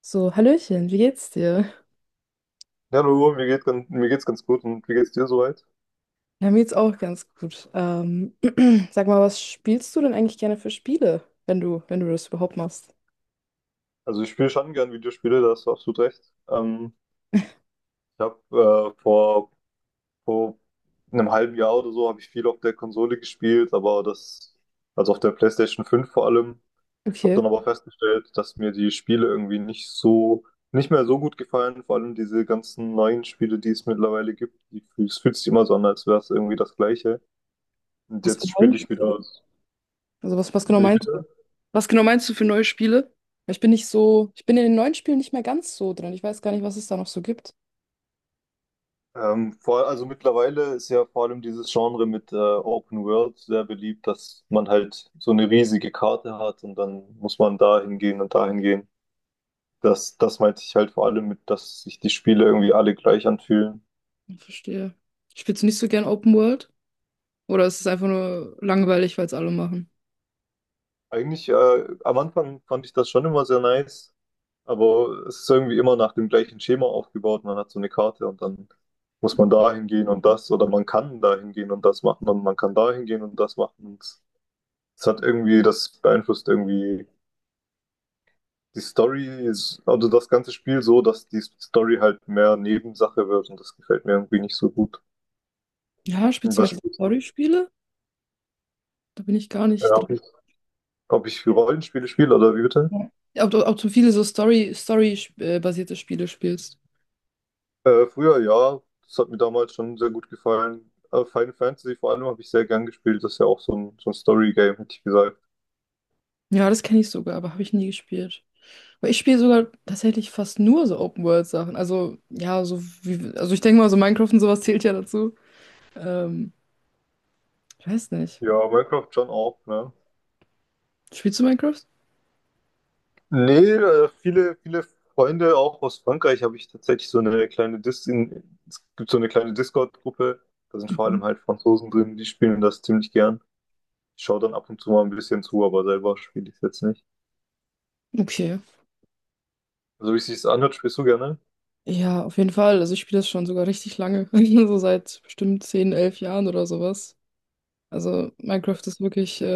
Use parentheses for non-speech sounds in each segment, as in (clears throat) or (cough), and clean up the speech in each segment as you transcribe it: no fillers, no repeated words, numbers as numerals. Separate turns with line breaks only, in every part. So, Hallöchen, wie geht's dir?
Hallo, mir mir geht's ganz gut und wie geht's dir soweit?
Ja, mir geht's auch ganz gut. (clears throat) Sag mal, was spielst du denn eigentlich gerne für Spiele, wenn du das überhaupt machst?
Also ich spiele schon gern Videospiele, da hast du absolut recht. Ich habe äh, vor, vor einem halben Jahr oder so habe ich viel auf der Konsole gespielt, aber also auf der PlayStation 5 vor allem, habe
Okay.
dann aber festgestellt, dass mir die Spiele irgendwie nicht mehr so gut gefallen, vor allem diese ganzen neuen Spiele, die es mittlerweile gibt, die, es fühlt sich immer so an, als wäre es irgendwie das Gleiche. Und
Was für
jetzt
neue
spiele ich
Spiele?
wieder.
Also was genau
Wie
meinst du?
bitte?
Was genau meinst du für neue Spiele? Weil ich bin nicht so, ich bin in den neuen Spielen nicht mehr ganz so drin. Ich weiß gar nicht, was es da noch so gibt.
Also mittlerweile ist ja vor allem dieses Genre mit Open World sehr beliebt, dass man halt so eine riesige Karte hat und dann muss man da hingehen und da hingehen. Das meinte ich halt vor allem mit, dass sich die Spiele irgendwie alle gleich anfühlen.
Ich verstehe. Spielst du nicht so gern Open World? Oder ist es einfach nur langweilig, weil es alle machen?
Eigentlich, am Anfang fand ich das schon immer sehr nice, aber es ist irgendwie immer nach dem gleichen Schema aufgebaut. Man hat so eine Karte und dann muss man da hingehen und das oder man kann da hingehen und das machen und man kann da hingehen und das machen. Und es hat irgendwie, das beeinflusst irgendwie die Story ist, also das ganze Spiel so, dass die Story halt mehr Nebensache wird und das gefällt mir irgendwie nicht so gut.
Ja, spielst du mehr
Was
so
spielst
Story-Spiele? Da bin ich gar
du?
nicht drin.
Ob ich Rollenspiele spiele oder wie bitte?
Ja. Ob du viele so Story-basierte Spiele spielst.
Früher ja, das hat mir damals schon sehr gut gefallen. Final Fantasy vor allem habe ich sehr gern gespielt, das ist ja auch so so ein Story-Game, hätte ich gesagt.
Ja, das kenne ich sogar, aber habe ich nie gespielt. Aber ich spiele sogar tatsächlich fast nur so Open-World-Sachen. Also, ja, so wie, also ich denke mal, so Minecraft und sowas zählt ja dazu. Ähm, ich weiß nicht.
Ja, Minecraft schon auch, ne?
Spielst du Minecraft?
Nee, viele Freunde auch aus Frankreich habe ich tatsächlich so eine es gibt so eine kleine Discord-Gruppe, da sind vor
Mhm.
allem halt Franzosen drin, die spielen das ziemlich gern. Ich schaue dann ab und zu mal ein bisschen zu, aber selber spiele ich es jetzt nicht.
Okay.
Also wie es sich anhört, spielst du gerne?
Ja, auf jeden Fall. Also ich spiele das schon sogar richtig lange. (laughs) So seit bestimmt 10, 11 Jahren oder sowas. Also Minecraft ist wirklich.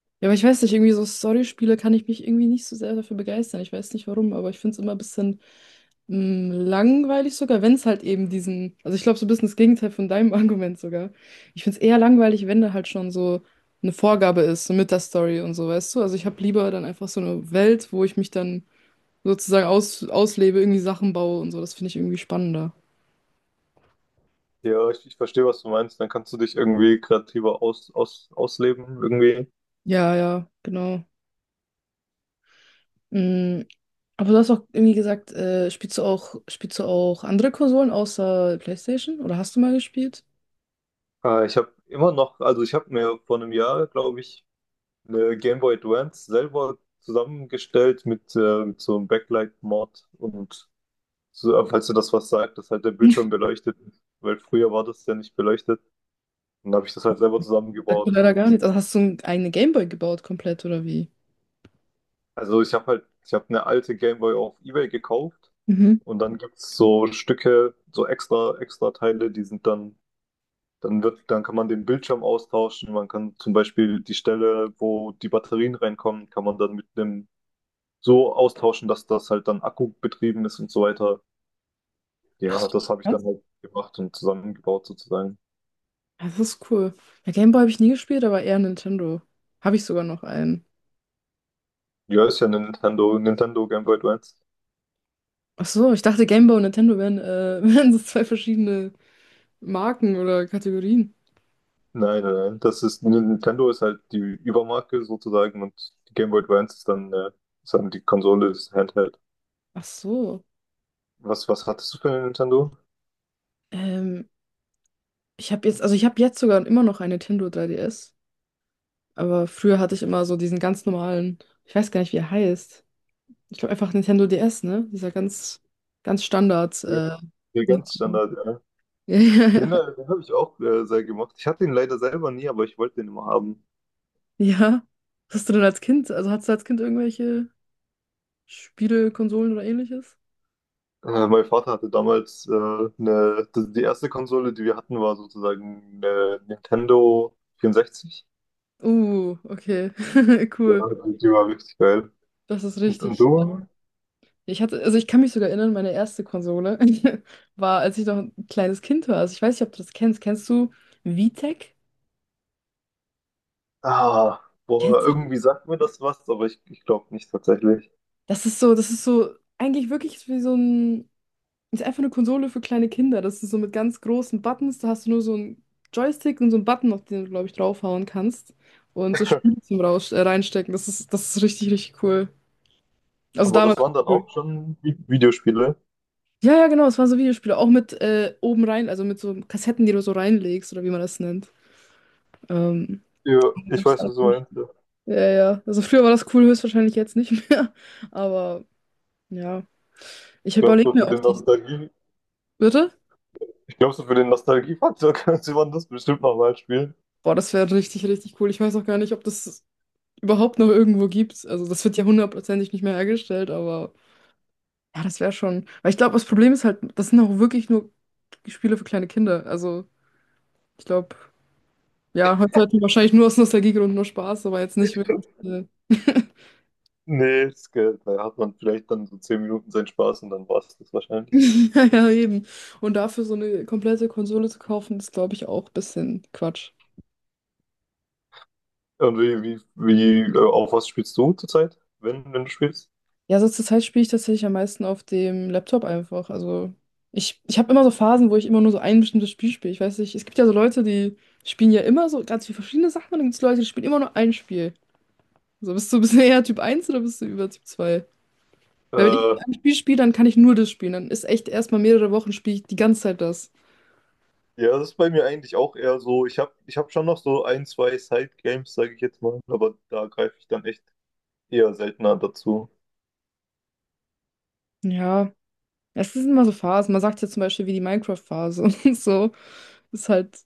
Ja, aber ich weiß nicht, irgendwie so Storyspiele kann ich mich irgendwie nicht so sehr dafür begeistern. Ich weiß nicht warum, aber ich finde es immer ein bisschen langweilig sogar, wenn es halt eben diesen, also ich glaube so ein bisschen das Gegenteil von deinem (laughs) Argument sogar. Ich finde es eher langweilig, wenn da halt schon so eine Vorgabe ist, so mit der Story und so, weißt du? Also ich habe lieber dann einfach so eine Welt, wo ich mich dann sozusagen auslebe, irgendwie Sachen baue und so. Das finde ich irgendwie spannender.
Ja, ich verstehe, was du meinst. Dann kannst du dich irgendwie kreativer ausleben, irgendwie.
Ja, ja, genau. Mm, Aber du hast auch irgendwie gesagt, spielst du auch andere Konsolen außer PlayStation? Oder hast du mal gespielt?
Ich habe immer noch, also ich habe mir vor einem Jahr, glaube ich, eine Game Boy Advance selber zusammengestellt mit so einem Backlight-Mod und so, falls du das was sagt, dass halt der Bildschirm beleuchtet ist, weil früher war das ja nicht beleuchtet. Und dann habe ich das halt selber
Sagt mir
zusammengebaut
leider
und
gar nichts. Also hast du eine Gameboy gebaut komplett oder wie?
also ich habe ich habe eine alte Game Boy auf eBay gekauft.
Mhm.
Und dann gibt's so Stücke, so extra Teile, die sind dann dann kann man den Bildschirm austauschen. Man kann zum Beispiel die Stelle, wo die Batterien reinkommen, kann man dann mit einem so austauschen, dass das halt dann Akku betrieben ist und so weiter.
Ach
Ja,
so,
das habe ich
krass.
dann halt gemacht und zusammengebaut sozusagen.
Ja, das ist cool. Ja, Gameboy habe ich nie gespielt, aber eher Nintendo. Habe ich sogar noch einen.
Ja, ist ja eine Nintendo Game Boy Advance.
Ach so, ich dachte Gameboy und Nintendo wären (laughs) wären so zwei verschiedene Marken oder Kategorien.
Nein, nein, nein. Das ist, Nintendo ist halt die Übermarke sozusagen und die Game Boy Advance ist ist dann die Konsole, das Handheld.
Ach so.
Was hattest du für eine Nintendo?
Ähm, ich habe jetzt, also ich habe jetzt sogar immer noch ein Nintendo 3DS. Aber früher hatte ich immer so diesen ganz normalen, ich weiß gar nicht, wie er heißt. Ich glaube einfach Nintendo DS, ne? Dieser ganz, ganz Standard,
Ja, ganz
Nintendo. (laughs)
Standard, ja.
Ja, ja, ja.
Den, den habe ich auch sehr gemocht. Ich hatte ihn leider selber nie, aber ich wollte den immer haben.
Ja. Was hast du denn als Kind? Also hattest du als Kind irgendwelche Spiele, Konsolen oder ähnliches?
Mein Vater hatte damals die erste Konsole, die wir hatten, war sozusagen eine Nintendo 64.
Okay. (laughs)
Ja,
Cool.
die war richtig geil.
Das ist
Und
richtig.
du?
Ich hatte, also ich kann mich sogar erinnern, meine erste Konsole (laughs) war, als ich noch ein kleines Kind war. Also ich weiß nicht, ob du das kennst. Kennst du VTech?
Ah, boah,
Kennst du das?
irgendwie sagt mir das was, aber ich glaube nicht tatsächlich.
Das ist so eigentlich wirklich wie so ein. Ist einfach eine Konsole für kleine Kinder. Das ist so mit ganz großen Buttons. Da hast du nur so einen Joystick und so einen Button, auf den du, glaube ich, draufhauen kannst. Und so Spiele zum Raus reinstecken. Das ist richtig, richtig cool. Also
Aber das
damals.
waren dann
Cool.
auch schon Videospiele.
Ja, ja, genau. Es waren so Videospiele. Auch mit oben rein, also mit so Kassetten, die du so reinlegst oder wie man das nennt. Ähm,
Ja, ich
gab's
weiß,
da
was du
nicht.
meinst, ja.
Ja, ja. Also früher war das cool, höchstwahrscheinlich jetzt nicht mehr. (laughs) Aber ja. Ich
Ich glaube,
überlege
so
mir
für
auch
den
die.
Nostalgie,
Bitte?
Ich glaube, so für den Nostalgiefaktor (laughs) könnte man das bestimmt nochmal spielen.
Boah, das wäre richtig, richtig cool. Ich weiß auch gar nicht, ob das überhaupt noch irgendwo gibt. Also das wird ja hundertprozentig nicht mehr hergestellt, aber ja, das wäre schon. Weil ich glaube, das Problem ist halt, das sind auch wirklich nur Spiele für kleine Kinder. Also ich glaube, ja, heute hat man wahrscheinlich nur aus Nostalgiegründen nur Spaß, aber jetzt nicht wirklich. (laughs)
Nee, das geht. Da hat man vielleicht dann so 10 Minuten seinen Spaß und dann war es das wahrscheinlich.
Ja, ja, eben. Und dafür so eine komplette Konsole zu kaufen, ist, glaube ich, auch ein bisschen Quatsch.
Und auf was spielst du zurzeit, wenn du spielst?
Ja, so zur Zeit spiele ich tatsächlich am meisten auf dem Laptop einfach. Also ich habe immer so Phasen, wo ich immer nur so ein bestimmtes Spiel spiele. Ich weiß nicht, es gibt ja so Leute, die spielen ja immer so ganz viele verschiedene Sachen und dann gibt es Leute, die spielen immer nur ein Spiel. So, bist du (laughs) eher Typ eins oder bist du über Typ 2? Weil wenn ich
Äh,
ein Spiel spiele, dann kann ich nur das spielen. Dann ist echt erstmal mehrere Wochen spiele ich die ganze Zeit das.
ja, das ist bei mir eigentlich auch eher so. Ich habe ich hab schon noch so 1, 2 Side-Games, sage ich jetzt mal, aber da greife ich dann echt eher seltener dazu.
Ja, es sind immer so Phasen. Man sagt ja zum Beispiel wie die Minecraft-Phase (laughs) und so. Ist halt,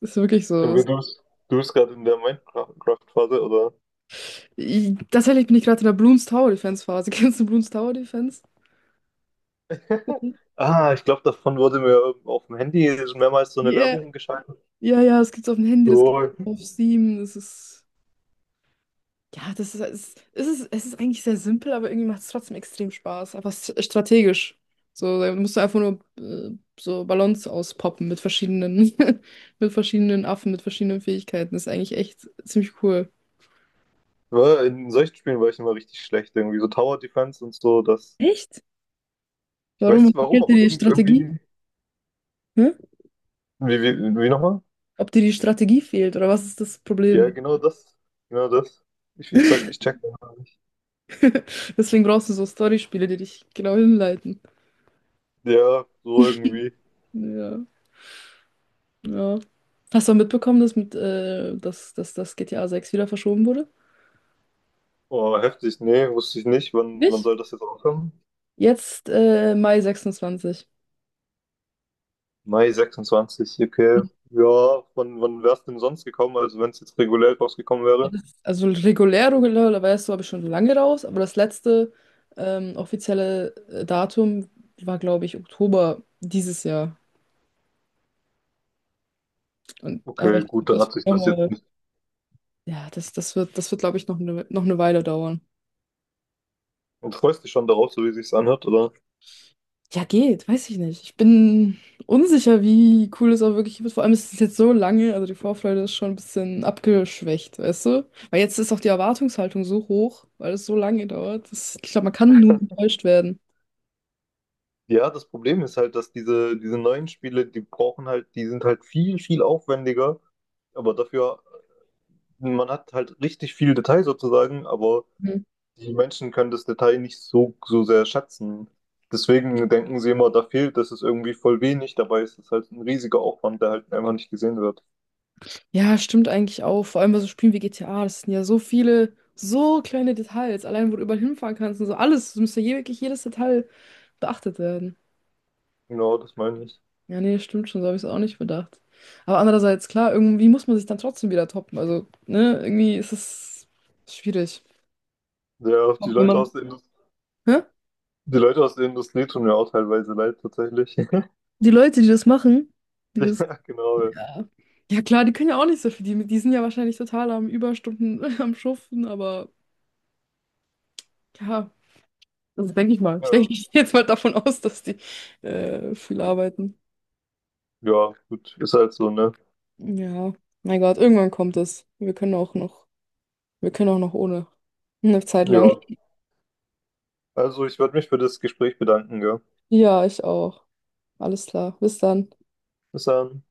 ist wirklich so.
Aber du bist gerade in der Minecraft-Phase, oder?
Tatsächlich bin ich gerade in der Bloons Tower Defense Phase. (laughs) Kennst du Bloons Tower Defense?
(laughs) Ah, ich glaube, davon wurde mir auf dem Handy mehrmals so eine
Ja,
Werbung geschaltet.
ja, ja, das gibt's auf dem Handy, das gibt's
So,
auf Steam. Das ist, ja, das ist, es ist eigentlich sehr simpel, aber irgendwie macht es trotzdem extrem Spaß. Einfach strategisch. So, da musst du einfach nur so Ballons auspoppen mit verschiedenen, (laughs) mit verschiedenen Affen, mit verschiedenen Fähigkeiten. Das ist eigentlich echt ziemlich cool.
War in solchen Spielen war ich immer richtig schlecht, irgendwie so Tower Defense und so, das.
Echt?
Ich weiß
Warum
nicht warum,
fehlt dir
aber
die Strategie?
irgendwie.
Hä?
Wie nochmal?
Ob dir die Strategie fehlt oder was ist das
Ja,
Problem?
genau das. Genau das. Ich check das gar nicht.
Deswegen brauchst du so Storyspiele, die dich genau hinleiten.
Ja, so irgendwie.
Ja. Ja. Hast du auch mitbekommen, dass mit dass das GTA 6 wieder verschoben wurde?
Oh, heftig. Nee, wusste ich nicht. Wann
Nicht?
soll das jetzt aufhören?
Jetzt Mai 26.
Mai 26, okay. Ja, wann wär's denn sonst gekommen? Also wenn es jetzt regulär rausgekommen
Ja,
wäre?
also regulär, regulär, war es so, habe ich schon lange raus, aber das letzte offizielle Datum war, glaube ich, Oktober dieses Jahr. Und, aber
Okay,
ich glaube,
gut, dann
das
hat
wird
sich das jetzt
nochmal,
nicht.
ja, das wird, glaube ich, noch eine Weile dauern.
Und freust dich schon darauf, so wie sich's anhört, oder?
Ja, geht, weiß ich nicht. Ich bin unsicher, wie cool es auch wirklich wird. Vor allem ist es jetzt so lange, also die Vorfreude ist schon ein bisschen abgeschwächt, weißt du? Weil jetzt ist auch die Erwartungshaltung so hoch, weil es so lange dauert. Das, ich glaube, man kann nur enttäuscht werden.
Ja, das Problem ist halt, dass diese neuen Spiele, die brauchen halt, die sind halt viel aufwendiger, aber dafür, man hat halt richtig viel Detail sozusagen, aber
Mhm.
die Menschen können das Detail nicht so sehr schätzen. Deswegen denken sie immer, da fehlt, das ist irgendwie voll wenig, dabei ist es halt ein riesiger Aufwand, der halt einfach nicht gesehen wird.
Ja, stimmt eigentlich auch. Vor allem bei so Spielen wie GTA, das sind ja so viele, so kleine Details. Allein, wo du überall hinfahren kannst und so alles, es müsste wirklich jedes Detail beachtet werden.
Genau, das meine ich.
Ja, nee, stimmt schon, so habe ich es auch nicht bedacht. Aber andererseits, klar, irgendwie muss man sich dann trotzdem wieder toppen. Also, ne, irgendwie ist es schwierig.
Ja,
Auch wenn man. Hä?
Die Leute aus der Industrie tun mir auch teilweise leid, tatsächlich. (laughs)
Die Leute, die das machen, die das.
Ja, genau.
Ja. Ja, klar, die können ja auch nicht so viel. Die sind ja wahrscheinlich total am Überstunden (laughs) am Schuften, aber ja, das denke ich mal.
Ja,
Ich denke, ich gehe jetzt mal davon aus, dass die viel arbeiten.
ja gut, ist halt so, ne?
Ja, mein Gott, irgendwann kommt es. Wir können auch noch ohne. Eine Zeit lang.
Ja. Also, ich würde mich für das Gespräch bedanken, gell?
Ja, ich auch. Alles klar. Bis dann.
Bis dann.